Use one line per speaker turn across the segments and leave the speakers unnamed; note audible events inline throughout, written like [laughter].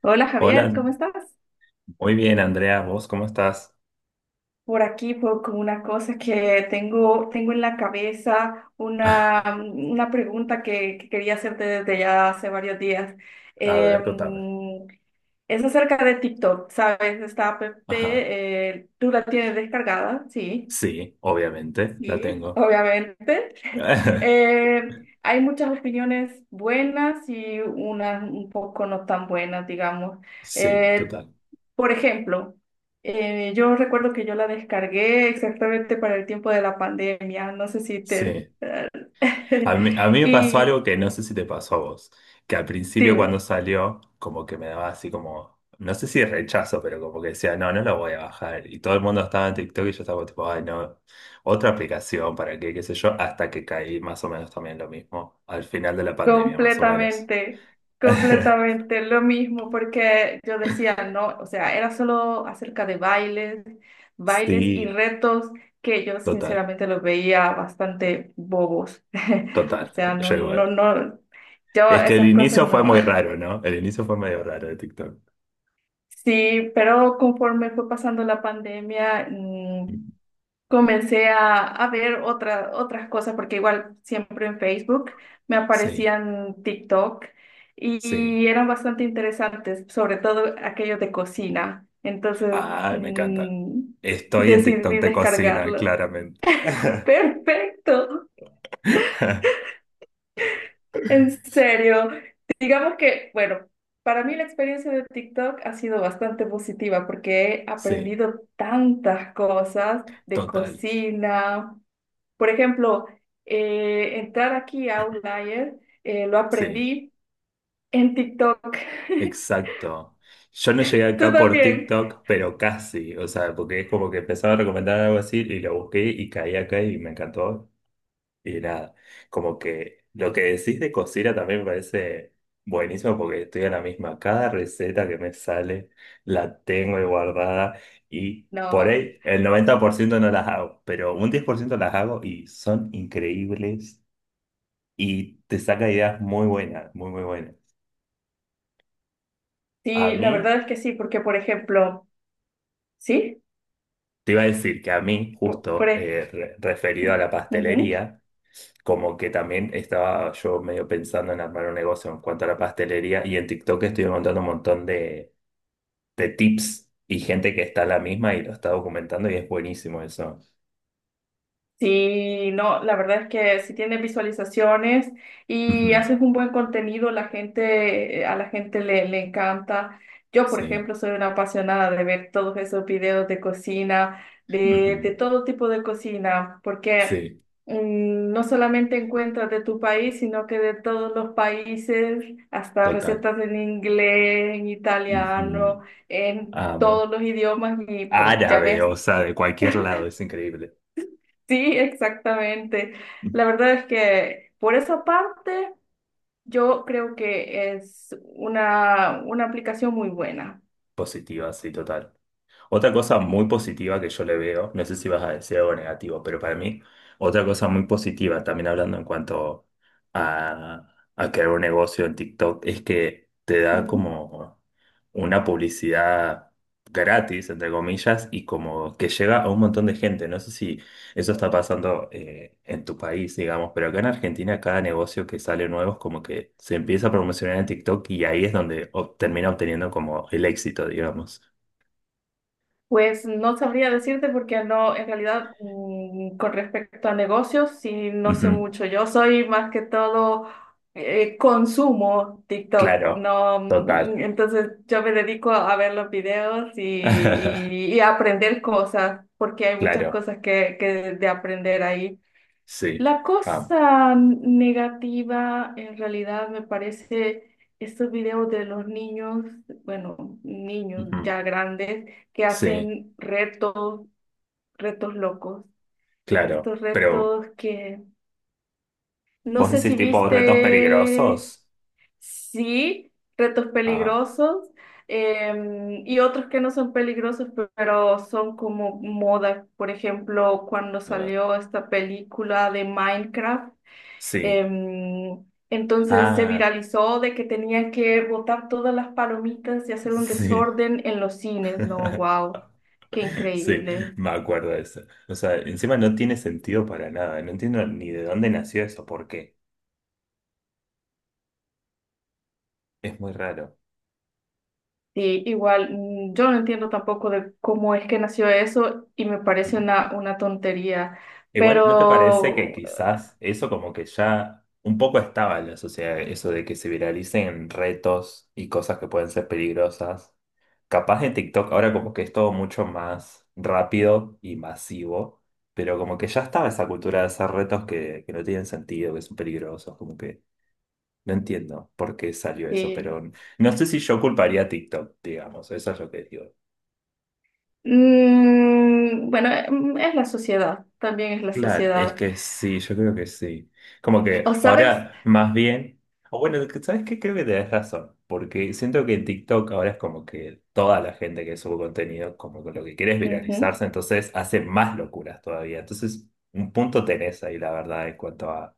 Hola Javier,
Hola,
¿cómo estás?
muy bien, Andrea, ¿vos cómo estás?
Por aquí, por como una cosa que tengo en la cabeza, una pregunta que quería hacerte desde ya hace varios días.
A ver, contame.
Em, es acerca de TikTok, ¿sabes? Esta app,
Ajá,
tú la tienes descargada, sí.
sí, obviamente, la
Sí,
tengo.
obviamente. [laughs]
[laughs]
Hay muchas opiniones buenas y unas un poco no tan buenas, digamos.
Sí,
Eh,
total.
por ejemplo, yo recuerdo que yo la descargué exactamente para el tiempo de la pandemia, no sé si te...
Sí.
[laughs]
A mí me pasó
Y
algo que no sé si te pasó a vos, que al principio
dime.
cuando salió, como que me daba así como, no sé si rechazo, pero como que decía, no, no lo voy a bajar. Y todo el mundo estaba en TikTok y yo estaba tipo, ay, no, otra aplicación, ¿para qué? ¿Qué sé yo? Hasta que caí más o menos también lo mismo, al final de la pandemia, más o menos.
Completamente,
[laughs]
completamente lo mismo, porque yo decía, no, o sea, era solo acerca de bailes, bailes y
Sí,
retos que yo
total.
sinceramente los veía bastante bobos. [laughs] O
Total,
sea,
yo
no, no,
igual.
no, yo
Es que el
esas cosas
inicio fue
no.
muy
[laughs]
raro, ¿no? El inicio fue medio raro de TikTok.
Sí, pero conforme fue pasando la pandemia, comencé a ver otras cosas, porque igual siempre en Facebook me
Sí,
aparecían TikTok
sí.
y eran bastante interesantes, sobre todo aquello de cocina. Entonces,
Ay, me encanta. Estoy en
decidí
TikTok de cocina,
descargarlo.
claramente.
[laughs] Perfecto,
[laughs]
en serio. Digamos que, bueno, para mí la experiencia de TikTok ha sido bastante positiva porque he
Sí,
aprendido tantas cosas de
total.
cocina. Por ejemplo, entrar aquí a Outlier, lo
Sí,
aprendí en TikTok. [laughs]
exacto. Yo no llegué
¿Tú
acá por
también?
TikTok, pero casi. O sea, porque es como que empezaba a recomendar algo así y lo busqué y caí acá y me encantó. Y nada, como que lo que decís de cocina también me parece buenísimo porque estoy en la misma. Cada receta que me sale la tengo ahí guardada y por
No,
ahí el 90% no las hago, pero un 10% las hago y son increíbles y te saca ideas muy buenas, muy buenas. A
sí, la
mí,
verdad es que sí, porque por ejemplo, sí,
te iba a decir que a mí,
por, por
justo
ej-
referido a la
ujú.
pastelería, como que también estaba yo medio pensando en armar un negocio en cuanto a la pastelería y en TikTok estoy montando un montón de tips y gente que está en la misma y lo está documentando y es buenísimo eso.
Sí, no, la verdad es que si tienes visualizaciones
Ujú,
y haces un buen contenido, a la gente le encanta. Yo, por
sí,
ejemplo, soy una apasionada de ver todos esos videos de cocina, de
ujú,
todo tipo de cocina, porque
sí,
no solamente encuentras de tu país, sino que de todos los países, hasta
total.
recetas en inglés, en italiano,
Ujú,
en
amo.
todos los idiomas, y pues ya
Árabe,
ves.
o sea, de cualquier lado, es increíble.
Sí, exactamente. La verdad es que por esa parte yo creo que es una aplicación muy buena.
Positiva, sí, total. Otra cosa muy positiva que yo le veo, no sé si vas a decir algo negativo, pero para mí, otra cosa muy positiva, también hablando en cuanto a crear un negocio en TikTok, es que te da
Ujú.
como una publicidad gratis, entre comillas, y como que llega a un montón de gente. No sé si eso está pasando en tu país, digamos, pero acá en Argentina cada negocio que sale nuevo es como que se empieza a promocionar en TikTok y ahí es donde termina obteniendo como el éxito, digamos.
Pues no sabría decirte porque no, en realidad con respecto a negocios, sí, no sé
Ujú.
mucho. Yo soy más que todo, consumo TikTok,
Claro,
no,
total.
entonces yo me dedico a ver los videos y,
[laughs]
y- y a aprender cosas porque hay muchas
Claro,
cosas que de aprender ahí.
sí.
La
Ah,
cosa negativa en realidad me parece estos videos de los niños, bueno, niños
ujú,
ya grandes que
sí,
hacen retos, retos locos.
claro.
Estos
Pero,
retos que no
¿vos
sé
decís
si
tipo retos
viste,
peligrosos?
sí, retos
Ah,
peligrosos, y otros que no son peligrosos, pero son como moda. Por ejemplo, cuando
a ver.
salió esta película de Minecraft.
Sí.
Em, entonces se
Ah,
viralizó de que tenía que botar todas las palomitas y hacer un
sí.
desorden en los cines. No,
[laughs]
wow, qué
Sí,
increíble.
me acuerdo de eso. O sea, encima no tiene sentido para nada. No entiendo ni de dónde nació eso, por qué. Es muy raro.
Sí, igual, yo no entiendo tampoco de cómo es que nació eso y me parece
Ujú.
una tontería,
Igual, ¿no te parece que
pero
quizás eso como que ya un poco estaba en la sociedad, eso de que se viralicen retos y cosas que pueden ser peligrosas? Capaz en TikTok ahora como que es todo mucho más rápido y masivo, pero como que ya estaba esa cultura de hacer retos que no tienen sentido, que son peligrosos, como que no entiendo por qué salió eso,
sí.
pero no sé si yo culparía a TikTok, digamos, eso es lo que digo.
Bueno, es la sociedad, también es la
Claro, es
sociedad.
que sí, yo creo que sí. Como que
¿O sabes?
ahora más bien, o bueno, ¿sabes qué? Creo que tenés razón, porque siento que en TikTok ahora es como que toda la gente que sube contenido, como que lo que quiere es
Ujú.
viralizarse, entonces hace más locuras todavía. Entonces, un punto tenés ahí, la verdad, en cuanto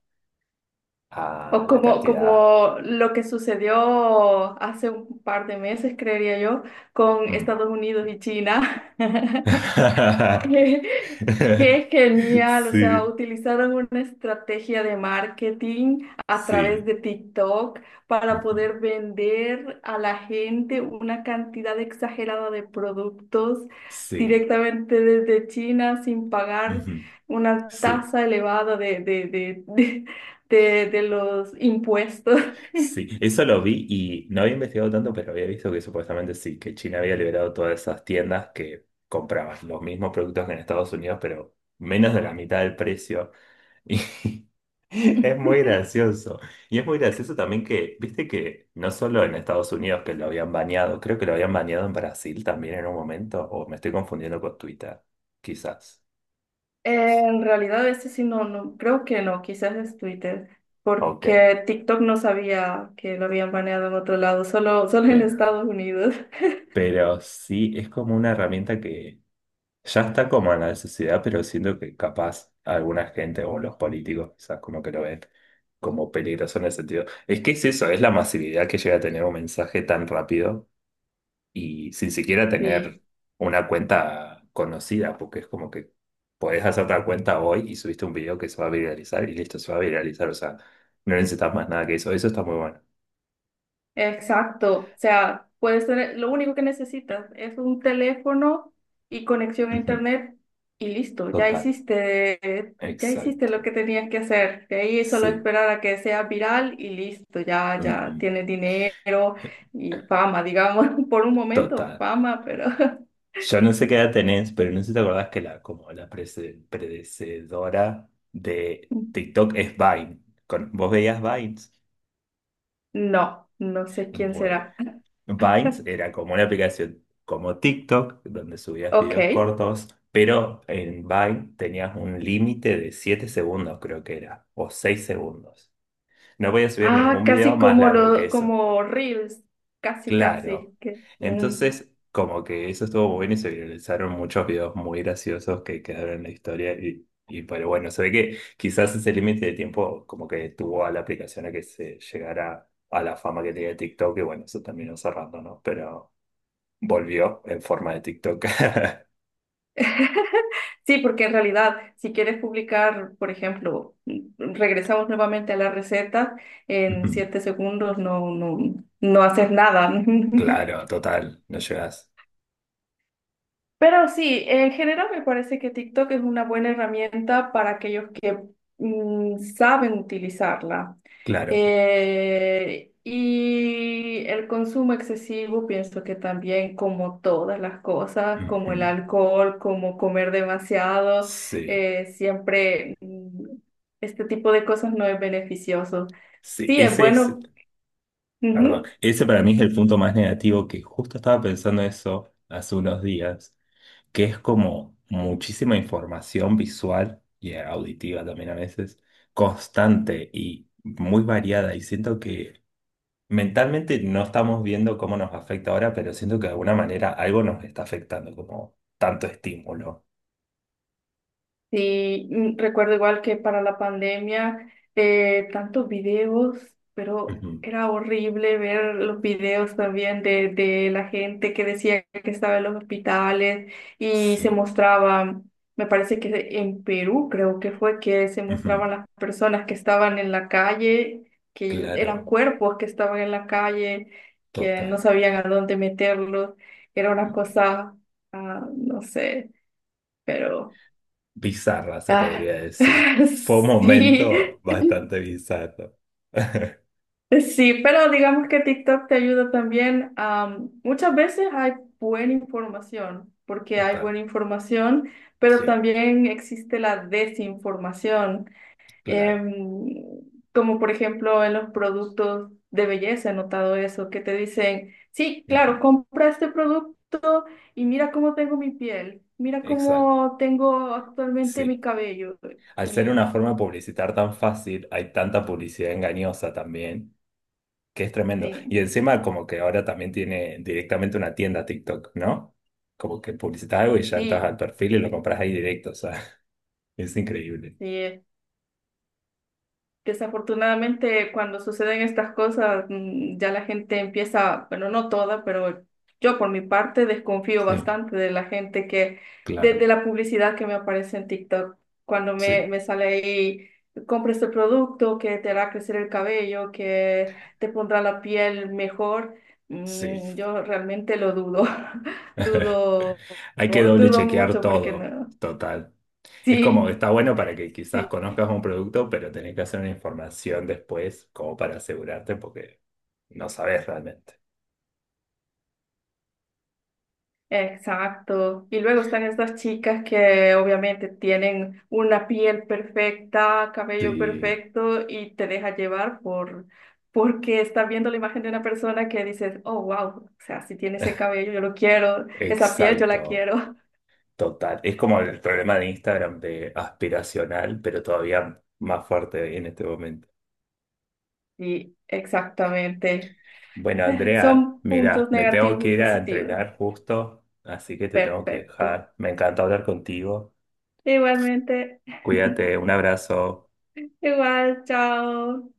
a
O
la
como,
cantidad.
como lo que sucedió hace un par de meses, creería yo, con
Mm.
Estados Unidos y China. [laughs]
[laughs]
Qué qué genial, o sea,
Sí,
utilizaron una estrategia de marketing a través
sí,
de TikTok para
ujú,
poder vender a la gente una cantidad exagerada de productos
sí,
directamente desde China sin pagar
ujú,
una
sí.
tasa elevada [laughs] de, de los impuestos.
Sí, eso lo vi y no había investigado tanto, pero había visto que supuestamente sí, que China había liberado todas esas tiendas que compraban los mismos productos que en Estados Unidos, pero menos de la mitad del precio. Y [laughs] es muy
[laughs]
gracioso. Y es muy gracioso también que, viste que no solo en Estados Unidos que lo habían baneado, creo que lo habían baneado en Brasil también en un momento, o me estoy confundiendo con Twitter, quizás.
En realidad, ese sí no, no, creo que no, quizás es Twitter,
Ok,
porque TikTok no sabía que lo habían baneado en otro lado, solo en
pero,
Estados Unidos.
pero sí, es como una herramienta que ya está como en la sociedad, pero siento que capaz alguna gente o los políticos quizás como que lo ven como peligroso en el sentido. Es que es eso, es la masividad que llega a tener un mensaje tan rápido y sin siquiera
Sí,
tener una cuenta conocida, porque es como que podés hacer una cuenta hoy y subiste un video que se va a viralizar y listo, se va a viralizar, o sea, no necesitas más nada que eso está muy bueno.
exacto. O sea, puedes tener, lo único que necesitas es un teléfono y conexión a
Ujú,
internet y listo,
total,
ya hiciste
exacto,
lo que tenías que hacer. De ahí solo
sí,
esperar a que sea viral y listo, ya,
ujú,
ya tienes dinero y fama, digamos, [laughs] por un momento,
total.
fama, pero [laughs]
Yo no sé qué edad tenés, pero no sé si te acordás que la, como la predecedora de TikTok es Vine. ¿Vos veías Vines?
No, no sé quién
Bueno,
será.
Vines
[laughs]
era como una aplicación como TikTok, donde subías videos
Ok.
cortos, pero en Vine tenías un límite de 7 segundos, creo que era, o 6 segundos. No podías subir
Ah,
ningún video
casi
más largo que eso.
como Reels. Casi,
Claro.
casi.
Entonces, como que eso estuvo muy bien y se viralizaron muchos videos muy graciosos que quedaron en la historia y pero bueno, se ve que quizás ese límite de tiempo como que estuvo a la aplicación a que se llegara a la fama que tenía TikTok y bueno, eso terminó cerrando, ¿no? Pero volvió en forma de TikTok. [laughs]
[laughs] Sí, porque en realidad, si quieres publicar, por ejemplo, regresamos nuevamente a la receta, en
Ujú.
7 segundos no haces nada. [laughs]
Claro, total, no llegas.
Pero sí, en general me parece que TikTok es una buena herramienta para aquellos que saben utilizarla.
Claro.
Y el consumo excesivo, pienso que también como todas las cosas,
Ujú.
como el alcohol, como comer demasiado,
Sí,
siempre este tipo de cosas no es beneficioso.
sí,
Sí, es
ese es.
bueno.
Perdón,
Ujú.
ese para mí es el punto más negativo que justo estaba pensando eso hace unos días, que es como muchísima información visual y auditiva también a veces, constante y muy variada. Y siento que mentalmente no estamos viendo cómo nos afecta ahora, pero siento que de alguna manera algo nos está afectando, como tanto estímulo.
Sí, recuerdo igual que para la pandemia, tantos videos, pero
Ujú,
era horrible ver los videos también de la gente que decía que estaba en los hospitales y se
sí,
mostraba, me parece que en Perú creo que fue que se
ujú,
mostraban las personas que estaban en la calle, que eran
claro,
cuerpos que estaban en la calle, que
total.
no sabían a dónde meterlos, era una cosa, ah, no sé, pero...
Bizarra, se
Ah,
podría decir. Fue un
[laughs] sí,
momento bastante bizarro. [laughs]
sí, pero digamos que TikTok te ayuda también. Muchas veces hay buena información, porque hay
Total,
buena información, pero
sí,
también existe la desinformación,
claro.
em, como por ejemplo en los productos de belleza, he notado eso, que te dicen, sí,
Ujú,
claro, compra este producto y mira cómo tengo mi piel, mira
exacto,
cómo tengo actualmente mi
sí.
cabello.
Al ser
Y
una forma de publicitar tan fácil, hay tanta publicidad engañosa también, que es tremendo. Y
sí,
encima como que ahora también tiene directamente una tienda TikTok, ¿no? Como que publicitas algo y ya entras
sí.
al perfil y lo compras ahí directo, o sea, [laughs] es increíble.
Sí. Desafortunadamente, cuando suceden estas cosas, ya la gente empieza, bueno, no toda, pero yo por mi parte desconfío
Sí,
bastante de la gente que, de
claro,
de la publicidad que me aparece en TikTok, cuando me,
sí,
me sale ahí, compra este producto que te hará crecer el cabello, que te pondrá la piel mejor,
sí.
yo realmente lo dudo, [laughs]
[laughs]
dudo,
Hay que doble
dudo
chequear
mucho porque
todo,
no.
total. Es como que
Sí,
está bueno para que quizás
sí.
conozcas un producto, pero tenés que hacer una información después como para asegurarte porque no sabes realmente.
Exacto. Y luego están estas chicas que obviamente tienen una piel perfecta, cabello
Sí,
perfecto y te deja llevar porque estás viendo la imagen de una persona que dices, oh, wow, o sea, si tiene ese cabello, yo lo quiero, esa piel, yo la
exacto,
quiero.
total. Es como el problema de Instagram de aspiracional, pero todavía más fuerte en este momento.
Y exactamente.
Bueno,
[laughs]
Andrea,
Son
mira,
puntos
me tengo
negativos
que
y
ir a
positivos.
entrenar justo, así que te tengo que
Perfecto.
dejar. Me encanta hablar contigo.
Igualmente.
Cuídate, un abrazo.
[laughs] Igual, chao.